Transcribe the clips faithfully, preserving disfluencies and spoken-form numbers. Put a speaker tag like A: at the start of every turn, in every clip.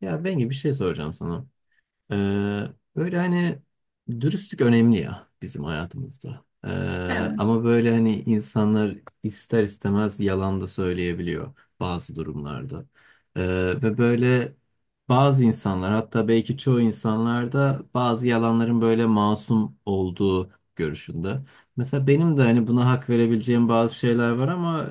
A: Ya Bengi bir şey soracağım sana. Ee, böyle hani dürüstlük önemli ya bizim hayatımızda. Ee,
B: Evet.
A: ama böyle hani insanlar ister istemez yalan da söyleyebiliyor bazı durumlarda. Ee, ve böyle bazı insanlar hatta belki çoğu insanlar da bazı yalanların böyle masum olduğu görüşünde. Mesela benim de hani buna hak verebileceğim bazı şeyler var ama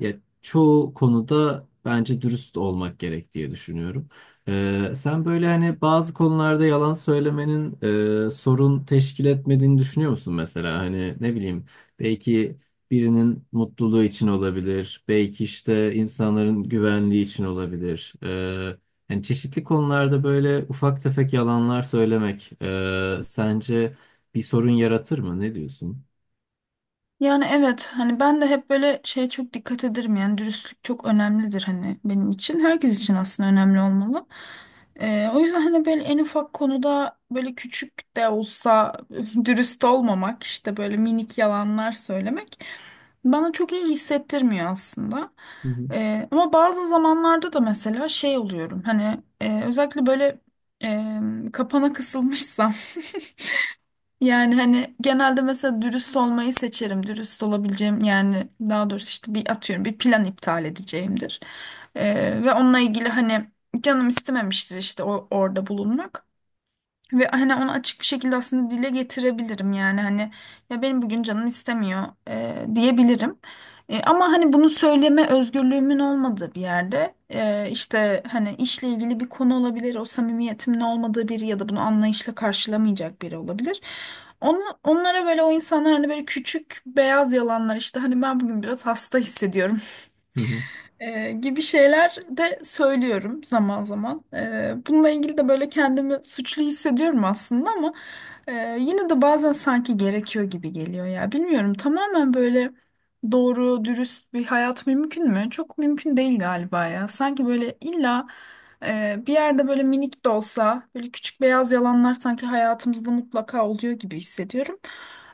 A: e, ya çoğu konuda bence dürüst olmak gerek diye düşünüyorum. Ee, sen böyle hani bazı konularda yalan söylemenin e, sorun teşkil etmediğini düşünüyor musun mesela? Hani ne bileyim belki birinin mutluluğu için olabilir, belki işte insanların güvenliği için olabilir. Ee, yani çeşitli konularda böyle ufak tefek yalanlar söylemek e, sence bir sorun yaratır mı? Ne diyorsun?
B: Yani evet hani ben de hep böyle şeye çok dikkat ederim, yani dürüstlük çok önemlidir, hani benim için, herkes için aslında önemli olmalı. Ee, o yüzden hani böyle en ufak konuda böyle küçük de olsa dürüst olmamak, işte böyle minik yalanlar söylemek bana çok iyi hissettirmiyor aslında.
A: Hı
B: Ee, ama bazı zamanlarda da mesela şey oluyorum, hani e, özellikle böyle e, kapana kısılmışsam. Yani hani genelde mesela dürüst olmayı seçerim. Dürüst olabileceğim, yani daha doğrusu işte bir atıyorum bir plan iptal edeceğimdir. Ee, ve onunla ilgili hani canım istememiştir işte o, orada bulunmak. Ve hani onu açık bir şekilde aslında dile getirebilirim, yani hani ya benim bugün canım istemiyor e, diyebilirim. E, ama hani bunu söyleme özgürlüğümün olmadığı bir yerde, e, işte hani işle ilgili bir konu olabilir, o samimiyetimin olmadığı biri ya da bunu anlayışla karşılamayacak biri olabilir. Onu, Onlara böyle, o insanlar hani böyle küçük beyaz yalanlar, işte hani ben bugün biraz hasta hissediyorum
A: hı.
B: e, gibi şeyler de söylüyorum zaman zaman. E, bununla ilgili de böyle kendimi suçlu hissediyorum aslında ama e, yine de bazen sanki gerekiyor gibi geliyor ya. Bilmiyorum, tamamen böyle doğru, dürüst bir hayat mümkün mü? Çok mümkün değil galiba ya. Sanki böyle illa e, bir yerde böyle minik de olsa böyle küçük beyaz yalanlar sanki hayatımızda mutlaka oluyor gibi hissediyorum.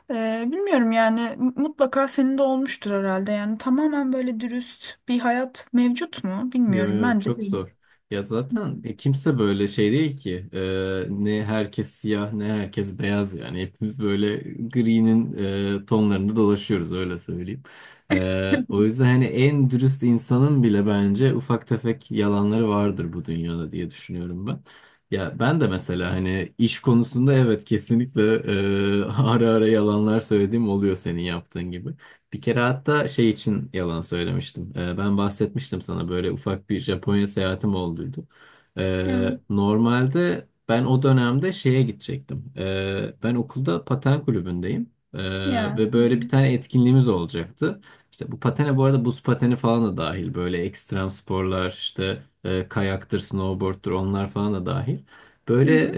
B: Ee, bilmiyorum yani, m- mutlaka senin de olmuştur herhalde. Yani tamamen böyle dürüst bir hayat mevcut mu?
A: Yo
B: Bilmiyorum.
A: yo
B: Bence
A: çok
B: değil.
A: zor. Ya zaten e, kimse böyle şey değil ki. Ee, ne herkes siyah ne herkes beyaz yani. Hepimiz böyle gri'nin e, tonlarında dolaşıyoruz öyle söyleyeyim. Ee, o yüzden hani en dürüst insanın bile bence ufak tefek yalanları vardır bu dünyada diye düşünüyorum ben. Ya ben de mesela hani iş konusunda evet kesinlikle e, ara ara yalanlar söylediğim oluyor senin yaptığın gibi. Bir kere hatta şey için yalan söylemiştim. Ee, ben bahsetmiştim sana böyle ufak bir Japonya seyahatim olduydu. Ee,
B: Evet.
A: normalde ben o dönemde şeye gidecektim. Ee, ben okulda paten kulübündeyim. Ee,
B: Ya.
A: ve böyle bir tane etkinliğimiz olacaktı. İşte bu patene bu arada buz pateni falan da dahil. Böyle ekstrem sporlar işte e, kayaktır, snowboard'tur onlar falan da dahil.
B: Hı hı.
A: Böyle
B: Hı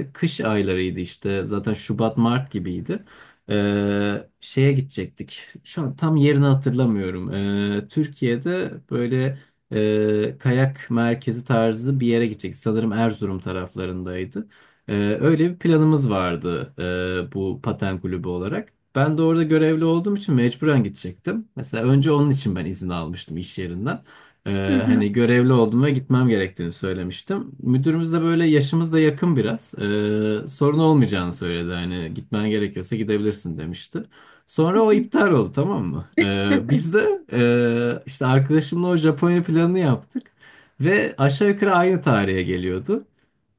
A: e, kış aylarıydı işte zaten Şubat Mart gibiydi. Ee, şeye gidecektik. Şu an tam yerini hatırlamıyorum. Ee, Türkiye'de böyle e, kayak merkezi tarzı bir yere gidecektik. Sanırım Erzurum taraflarındaydı. Ee, öyle bir planımız vardı e, bu paten kulübü olarak. Ben de orada görevli olduğum için mecburen gidecektim. Mesela önce onun için ben izin almıştım iş yerinden. Ee, hani
B: hı.
A: görevli oldum ve gitmem gerektiğini söylemiştim. Müdürümüz de böyle yaşımız da yakın biraz. Ee, sorun olmayacağını söyledi. Hani gitmen gerekiyorsa gidebilirsin demişti.
B: Hı
A: Sonra o
B: hı.
A: iptal oldu, tamam mı? Ee, biz de e, işte arkadaşımla o Japonya planını yaptık. Ve aşağı yukarı aynı tarihe geliyordu.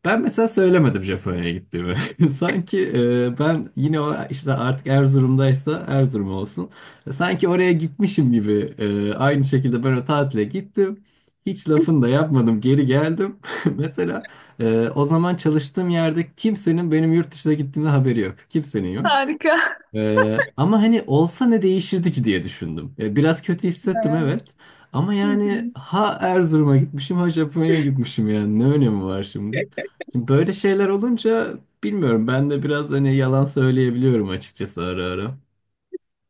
A: Ben mesela söylemedim Japonya'ya gittiğimi. Sanki e, ben yine o işte artık Erzurum'daysa Erzurum olsun. e, Sanki oraya gitmişim gibi e, aynı şekilde ben o tatile gittim. Hiç lafını da yapmadım, geri geldim. Mesela e, o zaman çalıştığım yerde kimsenin benim yurt dışına gittiğimde haberi yok. Kimsenin yok.
B: Harika.
A: Ee, ama hani olsa ne değişirdi ki diye düşündüm. Ya biraz kötü hissettim,
B: Evet.
A: evet. Ama
B: Hı
A: yani
B: hı.
A: ha Erzurum'a gitmişim ha Japonya'ya gitmişim, yani ne önemi var şimdi? Şimdi böyle şeyler olunca bilmiyorum ben de biraz hani yalan söyleyebiliyorum açıkçası ara ara.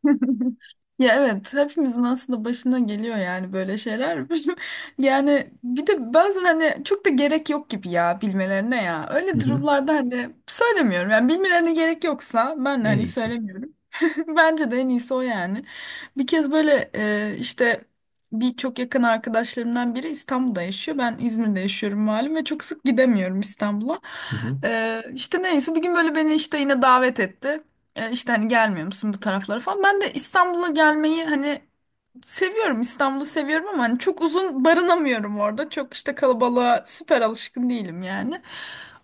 B: Ya evet, hepimizin aslında başına geliyor yani böyle şeyler. Yani bir de bazen hani çok da gerek yok gibi ya, bilmelerine ya.
A: Hı
B: Öyle
A: hı.
B: durumlarda hani söylemiyorum. Yani bilmelerine gerek yoksa ben de
A: En
B: hani
A: iyisi.
B: söylemiyorum. Bence de en iyisi o yani. Bir kez böyle e, işte bir çok yakın arkadaşlarımdan biri İstanbul'da yaşıyor. Ben İzmir'de yaşıyorum malum ve çok sık gidemiyorum İstanbul'a.
A: Hı hı.
B: E, işte neyse bir gün böyle beni işte yine davet etti. E, işte hani gelmiyor musun bu taraflara falan. Ben de İstanbul'a gelmeyi hani, seviyorum, İstanbul'u seviyorum ama hani çok uzun barınamıyorum orada. Çok işte kalabalığa süper alışkın değilim yani.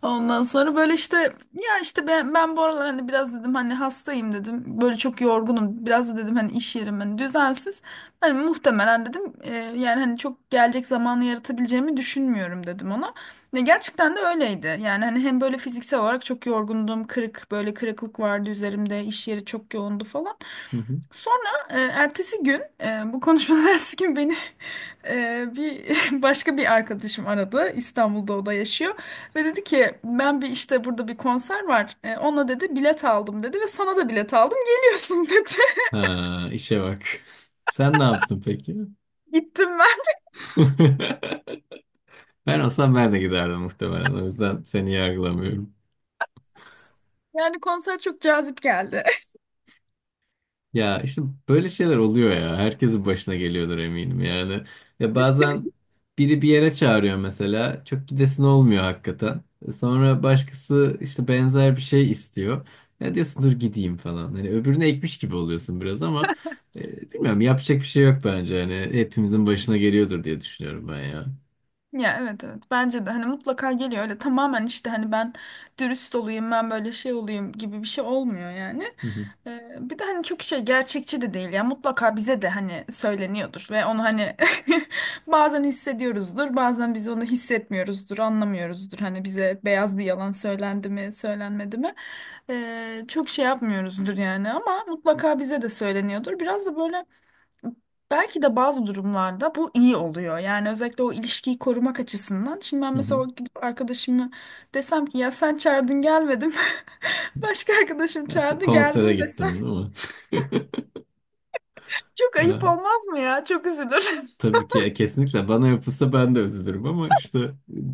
B: Ondan sonra böyle işte ya işte ben, ben bu aralar hani biraz dedim hani hastayım dedim. Böyle çok yorgunum. Biraz da dedim hani iş yerim hani düzensiz. Hani muhtemelen dedim e, yani hani çok gelecek zamanı yaratabileceğimi düşünmüyorum dedim ona. Ne gerçekten de öyleydi. Yani hani hem böyle fiziksel olarak çok yorgundum. Kırık böyle kırıklık vardı üzerimde. İş yeri çok yoğundu falan.
A: Hı hı.
B: Sonra e, ertesi gün, e, bu konuşmadan ertesi gün beni, e, bir başka bir arkadaşım aradı. İstanbul'da o da yaşıyor ve dedi ki ben bir, işte burada bir konser var. E, ona dedi bilet aldım dedi ve sana da bilet aldım, geliyorsun dedi.
A: Ha, işe bak. Sen ne yaptın peki?
B: Gittim ben.
A: Ben olsam ben de giderdim muhtemelen. O yüzden seni yargılamıyorum.
B: Yani konser çok cazip geldi.
A: Ya işte böyle şeyler oluyor ya. Herkesin başına geliyordur eminim yani. Ya bazen biri bir yere çağırıyor mesela. Çok gidesin olmuyor hakikaten. Sonra başkası işte benzer bir şey istiyor. Ya diyorsun dur gideyim falan. Hani öbürüne ekmiş gibi oluyorsun biraz ama e, bilmiyorum yapacak bir şey yok bence. Hani hepimizin başına geliyordur diye düşünüyorum ben ya.
B: Ya evet, evet, bence de hani mutlaka geliyor. Öyle tamamen işte hani ben dürüst olayım, ben böyle şey olayım gibi bir şey olmuyor yani.
A: Hı hı,
B: Ee, bir de hani çok şey, gerçekçi de değil ya, mutlaka bize de hani söyleniyordur ve onu hani bazen hissediyoruzdur, bazen biz onu hissetmiyoruzdur, anlamıyoruzdur hani bize beyaz bir yalan söylendi mi söylenmedi mi. Ee, çok şey yapmıyoruzdur yani, ama mutlaka bize de söyleniyordur biraz da böyle. Belki de bazı durumlarda bu iyi oluyor. Yani özellikle o ilişkiyi korumak açısından. Şimdi ben
A: hı hı.
B: mesela gidip arkadaşımı desem ki ya sen çağırdın gelmedim. Başka arkadaşım
A: Ya,
B: çağırdı
A: konsere
B: geldim desem
A: gittim değil
B: çok ayıp
A: mi?
B: olmaz mı ya? Çok üzülür.
A: Tabii ki e, kesinlikle bana yapılsa ben de üzülürüm ama işte e,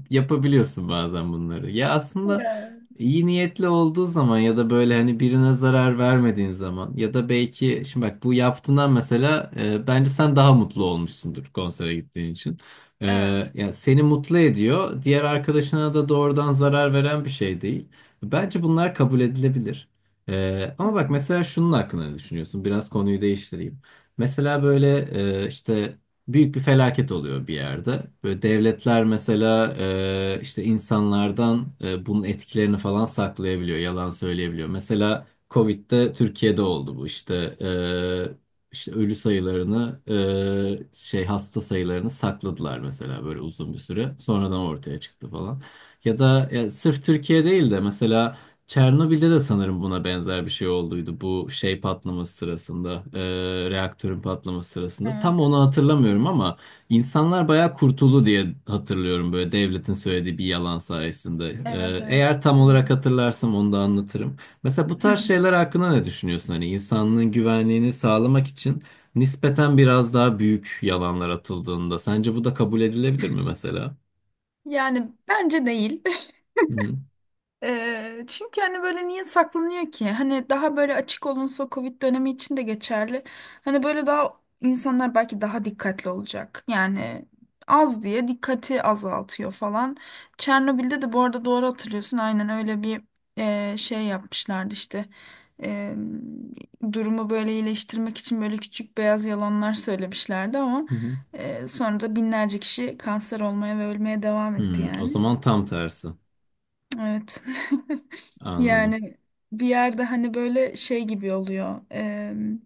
A: yapabiliyorsun bazen bunları. Ya aslında
B: Ya.
A: iyi niyetli olduğu zaman ya da böyle hani birine zarar vermediğin zaman ya da belki şimdi bak bu yaptığından mesela e, bence sen daha mutlu olmuşsundur konsere gittiğin için. E,
B: Evet.
A: yani seni mutlu ediyor. Diğer arkadaşına da doğrudan zarar veren bir şey değil. Bence bunlar kabul edilebilir. E,
B: Hı
A: ama
B: hı.
A: bak mesela şunun hakkında ne düşünüyorsun? Biraz konuyu değiştireyim. Mesela böyle e, işte büyük bir felaket oluyor bir yerde. Böyle devletler mesela e, işte insanlardan e, bunun etkilerini falan saklayabiliyor, yalan söyleyebiliyor. Mesela Covid'de Türkiye'de oldu bu işte e, işte ölü sayılarını e, şey hasta sayılarını sakladılar mesela böyle uzun bir süre. Sonradan ortaya çıktı falan. Ya da ya sırf Türkiye değil de mesela Çernobil'de de sanırım buna benzer bir şey olduydu. Bu şey patlaması sırasında, e, reaktörün patlaması sırasında. Tam
B: Evet.
A: onu hatırlamıyorum ama insanlar bayağı kurtuldu diye hatırlıyorum böyle devletin söylediği bir yalan sayesinde.
B: Evet
A: E,
B: evet.
A: eğer tam
B: Doğru.
A: olarak hatırlarsam onu da anlatırım. Mesela bu tarz şeyler hakkında ne düşünüyorsun? Hani insanlığın güvenliğini sağlamak için nispeten biraz daha büyük yalanlar atıldığında sence bu da kabul edilebilir mi mesela?
B: Yani bence değil.
A: Hı hı.
B: Ee, çünkü hani böyle niye saklanıyor ki? Hani daha böyle açık olunsa, o Covid dönemi için de geçerli. Hani böyle daha insanlar belki daha dikkatli olacak. Yani az diye dikkati azaltıyor falan. Çernobil'de de bu arada doğru hatırlıyorsun. Aynen öyle bir e, şey yapmışlardı işte. E, Durumu böyle iyileştirmek için böyle küçük beyaz yalanlar söylemişlerdi ama
A: Hı hı.
B: e, sonra da binlerce kişi kanser olmaya ve ölmeye devam etti
A: Hmm, o
B: yani.
A: zaman tam tersi.
B: Evet.
A: Anladım.
B: Yani bir yerde hani böyle şey gibi oluyor. Em,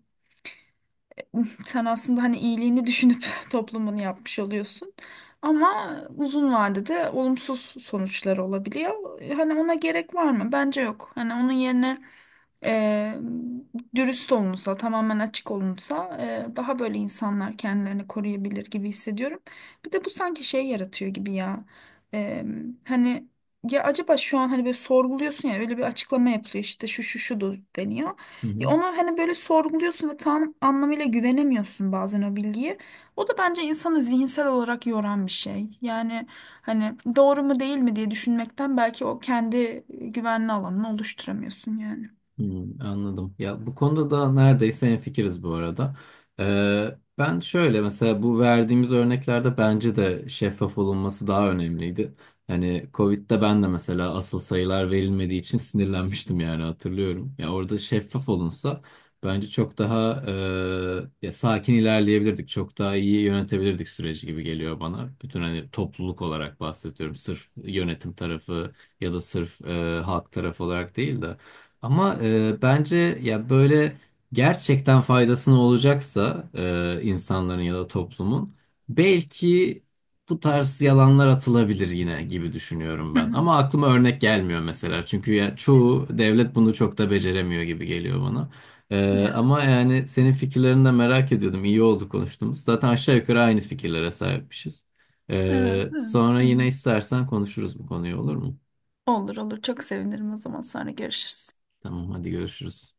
B: sen aslında hani iyiliğini düşünüp toplumun yapmış oluyorsun. Ama uzun vadede olumsuz sonuçları olabiliyor. Hani ona gerek var mı? Bence yok. Hani onun yerine e, dürüst olunsa, tamamen açık olunsa e, daha böyle insanlar kendilerini koruyabilir gibi hissediyorum. Bir de bu sanki şey yaratıyor gibi ya. E, hani ya acaba şu an hani böyle sorguluyorsun ya, öyle bir açıklama yapılıyor, işte şu şu şu deniyor.
A: Hı
B: Ya
A: hı.
B: onu hani böyle sorguluyorsun ve tam anlamıyla güvenemiyorsun bazen o bilgiye. O da bence insanı zihinsel olarak yoran bir şey. Yani hani doğru mu değil mi diye düşünmekten belki o kendi güvenli alanını oluşturamıyorsun yani.
A: Hmm, anladım. Ya bu konuda da neredeyse hemfikiriz bu arada. Ee, ben şöyle mesela bu verdiğimiz örneklerde bence de şeffaf olunması daha önemliydi. Hani Covid'de ben de mesela asıl sayılar verilmediği için sinirlenmiştim yani hatırlıyorum. Ya orada şeffaf olunsa bence çok daha e, ya sakin ilerleyebilirdik. Çok daha iyi yönetebilirdik süreci gibi geliyor bana. Bütün hani topluluk olarak bahsediyorum. Sırf yönetim tarafı ya da sırf e, halk tarafı olarak değil de. Ama e, bence ya böyle gerçekten faydasını olacaksa e, insanların ya da toplumun belki bu tarz yalanlar atılabilir yine gibi düşünüyorum ben. Ama aklıma örnek gelmiyor mesela. Çünkü ya çoğu devlet bunu çok da beceremiyor gibi geliyor bana. E,
B: Yani
A: ama yani senin fikirlerini de merak ediyordum. İyi oldu konuştuğumuz. Zaten aşağı yukarı aynı fikirlere sahipmişiz.
B: evet,
A: E,
B: evet.
A: sonra
B: Hı
A: yine
B: hı.
A: istersen konuşuruz bu konuyu, olur mu?
B: Olur olur, çok sevinirim, o zaman sonra görüşürüz.
A: Tamam, hadi görüşürüz.